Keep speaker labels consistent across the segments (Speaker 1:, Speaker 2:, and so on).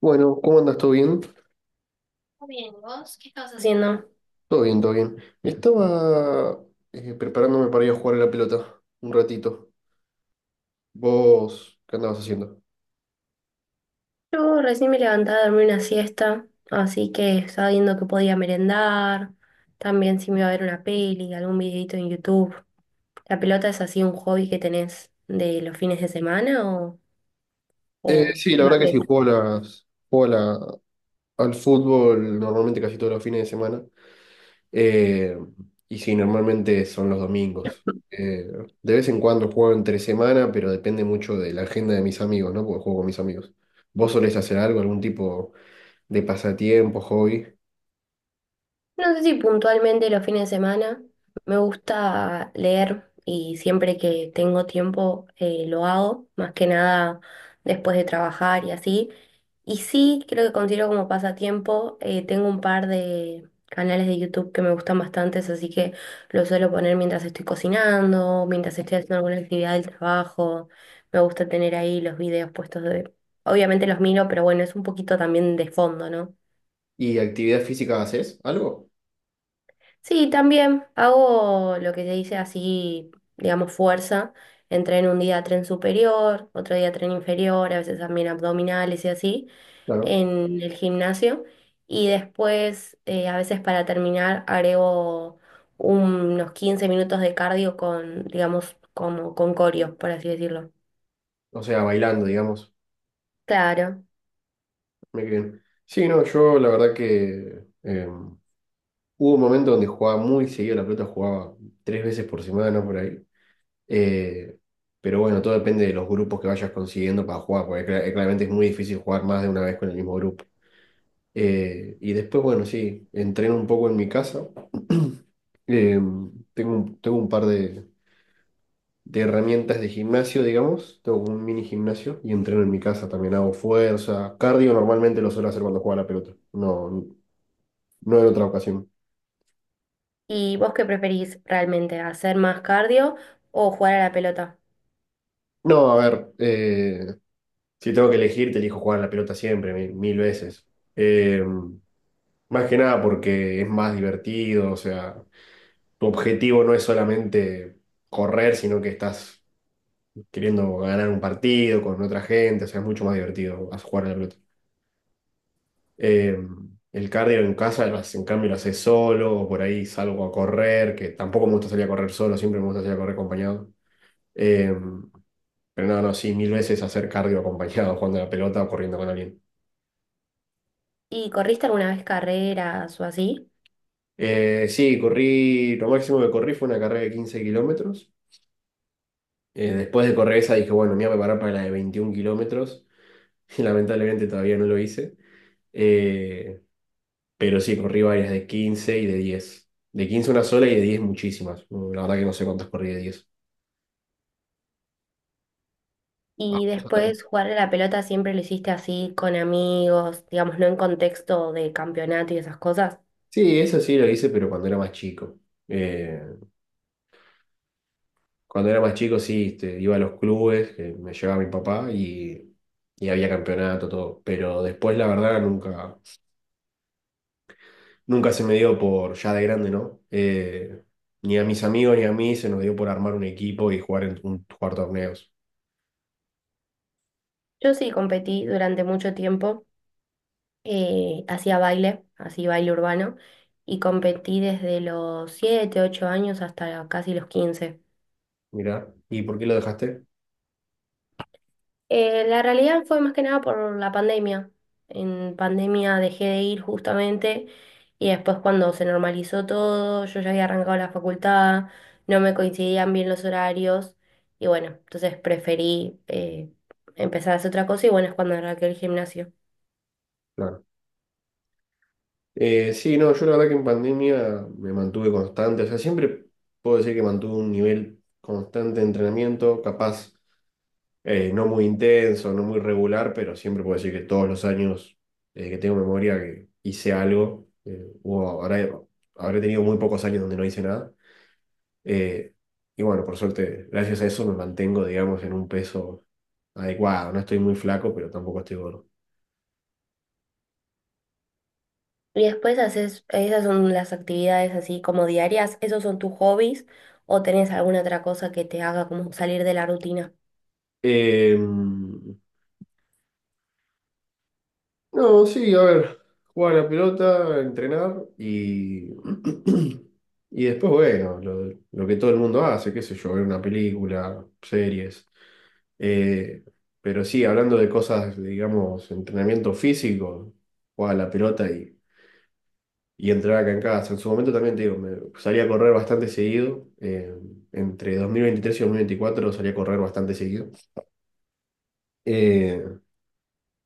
Speaker 1: Bueno, ¿cómo andas? ¿Todo bien? Todo bien, todo bien. Estaba preparándome para ir a jugar a la pelota un ratito. ¿Vos qué andabas haciendo?
Speaker 2: Yo recién me levantaba a dormir una siesta, así que estaba viendo que podía merendar, también si me iba a ver una peli, algún videito en YouTube. ¿La pelota es así un hobby que tenés de los fines de semana o
Speaker 1: Sí, la
Speaker 2: lo
Speaker 1: verdad que sí,
Speaker 2: haces?
Speaker 1: juego al fútbol normalmente casi todos los fines de semana. Eh, y sí, normalmente son los domingos. De vez en cuando juego entre semana, pero depende mucho de la agenda de mis amigos, ¿no? Porque juego con mis amigos. ¿Vos solés hacer algo, algún tipo de pasatiempo, hobby?
Speaker 2: No sé si puntualmente los fines de semana. Me gusta leer y siempre que tengo tiempo lo hago, más que nada después de trabajar y así. Y sí, creo que considero como pasatiempo. Tengo un par de canales de YouTube que me gustan bastantes, así que lo suelo poner mientras estoy cocinando, mientras estoy haciendo alguna actividad del trabajo. Me gusta tener ahí los videos puestos. Obviamente los miro, pero bueno, es un poquito también de fondo, ¿no?
Speaker 1: ¿Y actividad física haces? ¿Algo?
Speaker 2: Sí, también hago lo que se dice así, digamos, fuerza. Entreno un día tren superior, otro día tren inferior, a veces también abdominales y así,
Speaker 1: Claro.
Speaker 2: en el gimnasio. Y después, a veces para terminar, agrego un- unos 15 minutos de cardio con, digamos, como con coreo, por así decirlo.
Speaker 1: O sea, bailando, digamos.
Speaker 2: Claro.
Speaker 1: Mira bien. Sí, no, yo la verdad que hubo un momento donde jugaba muy seguido a la pelota, jugaba 3 veces por semana por ahí. Eh, pero bueno, todo depende de los grupos que vayas consiguiendo para jugar, porque claramente es muy difícil jugar más de una vez con el mismo grupo. Y después, bueno, sí, entreno un poco en mi casa. Eh, tengo un par de herramientas de gimnasio, digamos. Tengo como un mini gimnasio y entreno en mi casa también. Hago fuerza. Cardio normalmente lo suelo hacer cuando juego a la pelota. No, no en otra ocasión.
Speaker 2: ¿Y vos qué preferís realmente, hacer más cardio o jugar a la pelota?
Speaker 1: No, a ver, si tengo que elegir, te elijo jugar a la pelota siempre, mil, mil veces. Eh, Más que nada porque es más divertido, o sea, tu objetivo no es solamente correr, sino que estás queriendo ganar un partido con otra gente, o sea, es mucho más divertido jugar a la pelota. Eh, el cardio en casa, en cambio, lo haces solo, o por ahí salgo a correr, que tampoco me gusta salir a correr solo, siempre me gusta salir a correr acompañado. Eh, pero no, no, sí, mil veces hacer cardio acompañado, jugando a la pelota o corriendo con alguien.
Speaker 2: ¿Y corriste alguna vez carreras o así?
Speaker 1: Sí, corrí, lo máximo que corrí fue una carrera de 15 kilómetros. Después de correr esa dije, bueno, me voy a preparar para la de 21 kilómetros. Y lamentablemente todavía no lo hice. Eh, pero sí, corrí varias de 15 y de 10. De 15 una sola y de 10 muchísimas. La verdad que no sé cuántas corrí de 10.
Speaker 2: Y
Speaker 1: Vamos.
Speaker 2: después jugar a la pelota siempre lo hiciste así con amigos, digamos, no en contexto de campeonato y esas cosas.
Speaker 1: Sí, eso sí lo hice, pero cuando era más chico. Eh, Cuando era más chico, sí, este, iba a los clubes que me llevaba mi papá y, había campeonato, todo. Pero después, la verdad, nunca, nunca se me dio por, ya de grande, ¿no? Ni a mis amigos ni a mí se nos dio por armar un equipo y jugar, jugar torneos.
Speaker 2: Yo sí competí durante mucho tiempo, hacía baile, así baile urbano, y competí desde los 7 u 8 años hasta casi los 15.
Speaker 1: Mirá, ¿y por qué lo dejaste?
Speaker 2: La realidad fue más que nada por la pandemia. En pandemia dejé de ir justamente y después cuando se normalizó todo, yo ya había arrancado la facultad, no me coincidían bien los horarios y bueno, entonces preferí empezar a hacer otra cosa y bueno, es cuando arranqué el gimnasio.
Speaker 1: Claro. Sí, no, yo la verdad que en pandemia me mantuve constante, o sea, siempre puedo decir que mantuve un nivel constante de entrenamiento, capaz. No muy intenso, no muy regular, pero siempre puedo decir que todos los años que tengo memoria que hice algo, habré tenido muy pocos años donde no hice nada. eh, y bueno, por suerte, gracias a eso me mantengo, digamos, en un peso adecuado. No estoy muy flaco, pero tampoco estoy gordo.
Speaker 2: Y después haces, esas son las actividades así como diarias, ¿esos son tus hobbies o tenés alguna otra cosa que te haga como salir de la rutina?
Speaker 1: No, sí, a ver, jugar a la pelota, entrenar y... Y después, bueno, lo que todo el mundo hace, qué sé yo, ver una película, series. Eh, pero sí, hablando de cosas, digamos, entrenamiento físico, jugaba a la pelota y, entrenaba acá en casa. En su momento también te digo, me salía a correr bastante seguido. Entre 2023 y 2024 salía a correr bastante seguido. Eh,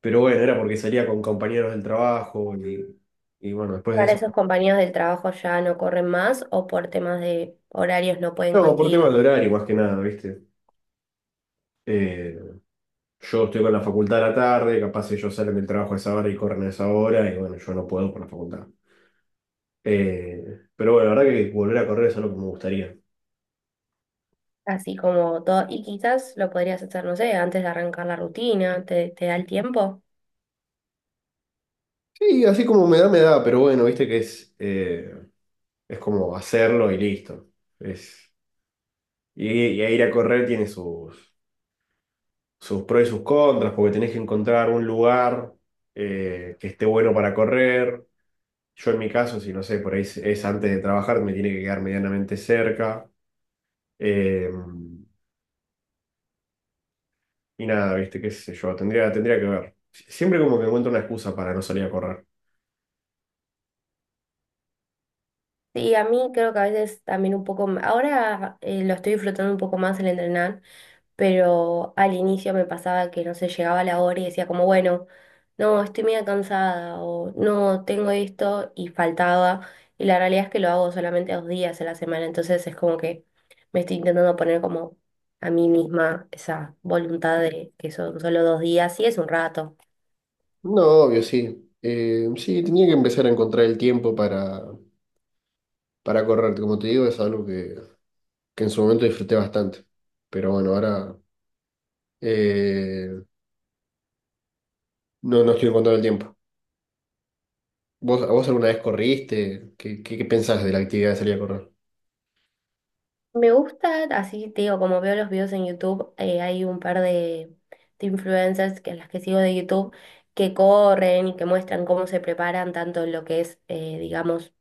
Speaker 1: pero bueno, era porque salía con compañeros del trabajo y bueno, después de
Speaker 2: Ahora
Speaker 1: eso.
Speaker 2: esos compañeros del trabajo ya no corren más o por temas de horarios no pueden
Speaker 1: No, por tema
Speaker 2: coincidir
Speaker 1: de horario, más que nada, ¿viste? Eh, yo estoy con la facultad a la tarde, capaz ellos salen del trabajo a esa hora y corren a esa hora, y bueno, yo no puedo por la facultad. Pero bueno, la verdad que volver a correr es algo que me gustaría.
Speaker 2: así como todo. Y quizás lo podrías hacer, no sé, antes de arrancar la rutina, te da el tiempo.
Speaker 1: Sí, así como me da, pero bueno, viste que es como hacerlo y listo. Es, y ir a correr tiene sus, sus pros y sus contras, porque tenés que encontrar un lugar que esté bueno para correr. Yo en mi caso, si no sé, por ahí es antes de trabajar, me tiene que quedar medianamente cerca. Eh, y nada, viste, qué sé yo, tendría que ver. Siempre como que encuentro una excusa para no salir a correr.
Speaker 2: Sí, a mí creo que a veces también un poco, ahora lo estoy disfrutando un poco más el entrenar, pero al inicio me pasaba que no sé, llegaba la hora y decía como, bueno, no, estoy media cansada o no, tengo esto y faltaba. Y la realidad es que lo hago solamente 2 días a la semana, entonces es como que me estoy intentando poner como a mí misma esa voluntad de que son solo 2 días y es un rato.
Speaker 1: No, obvio, sí. Sí, tenía que empezar a encontrar el tiempo para correr. Como te digo, es algo que en su momento disfruté bastante. Pero bueno, ahora eh, no, no estoy encontrando el tiempo. ¿ A vos alguna vez corriste? ¿Qué pensás de la actividad de salir a correr?
Speaker 2: Me gusta, así te digo, como veo los videos en YouTube, hay un par de influencers que las que sigo de YouTube que corren y que muestran cómo se preparan tanto en lo que es, digamos,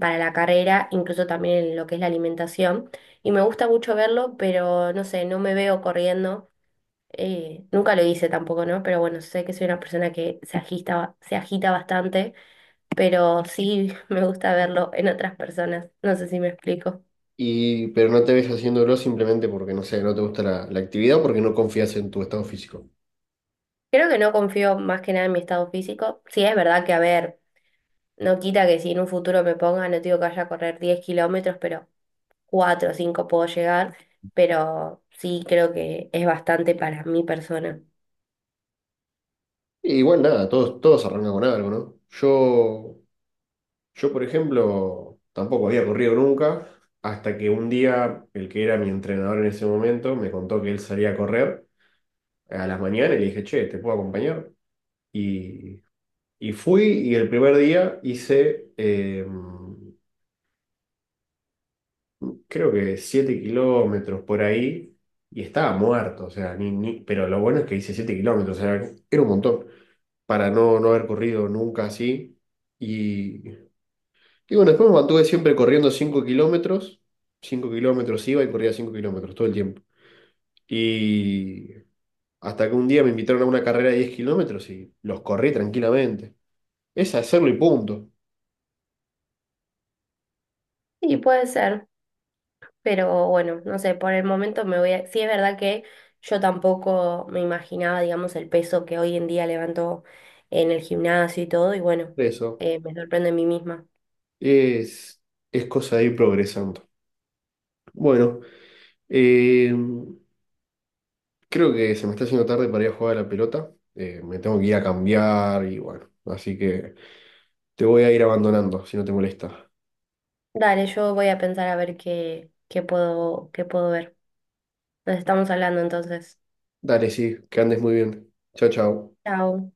Speaker 2: para la carrera, incluso también en lo que es la alimentación. Y me gusta mucho verlo, pero no sé, no me veo corriendo. Eh, nunca lo hice tampoco, ¿no? Pero bueno, sé que soy una persona que se agita, se agita bastante, pero sí me gusta verlo en otras personas. No sé si me explico.
Speaker 1: Pero no te ves haciéndolo simplemente porque, no sé, no te gusta la actividad o porque no confías en tu estado físico.
Speaker 2: Creo que no confío más que nada en mi estado físico. Sí, es verdad que, a ver, no quita que si en un futuro me ponga, no te digo que vaya a correr 10 kilómetros, pero 4 o 5 puedo llegar, pero sí creo que es bastante para mi persona.
Speaker 1: Y igual nada, todos arrancan con algo, ¿no? Yo, por ejemplo, tampoco había corrido nunca, hasta que un día el que era mi entrenador en ese momento me contó que él salía a correr a las mañanas y le dije, che, ¿te puedo acompañar? Y, y fui y el primer día hice, creo que 7 kilómetros por ahí y estaba muerto, o sea, pero lo bueno es que hice 7 kilómetros, o sea, era un montón para no haber corrido nunca así. Y bueno, después me mantuve siempre corriendo 5 kilómetros. 5 kilómetros iba y corría 5 kilómetros todo el tiempo. Y hasta que un día me invitaron a una carrera de 10 kilómetros y los corrí tranquilamente. Es hacerlo y punto.
Speaker 2: Sí, puede ser, pero bueno, no sé, por el momento me voy a... Sí, es verdad que yo tampoco me imaginaba, digamos, el peso que hoy en día levanto en el gimnasio y todo, y bueno,
Speaker 1: Eso.
Speaker 2: me sorprende a mí misma.
Speaker 1: Es, es cosa de ir progresando. Bueno, eh, creo que se me está haciendo tarde para ir a jugar a la pelota. Me tengo que ir a cambiar y bueno. Así que te voy a ir abandonando, si no te molesta.
Speaker 2: Dale, yo voy a pensar a ver qué puedo ver. Nos estamos hablando entonces.
Speaker 1: Dale, sí, que andes muy bien. Chao, chao.
Speaker 2: Chao.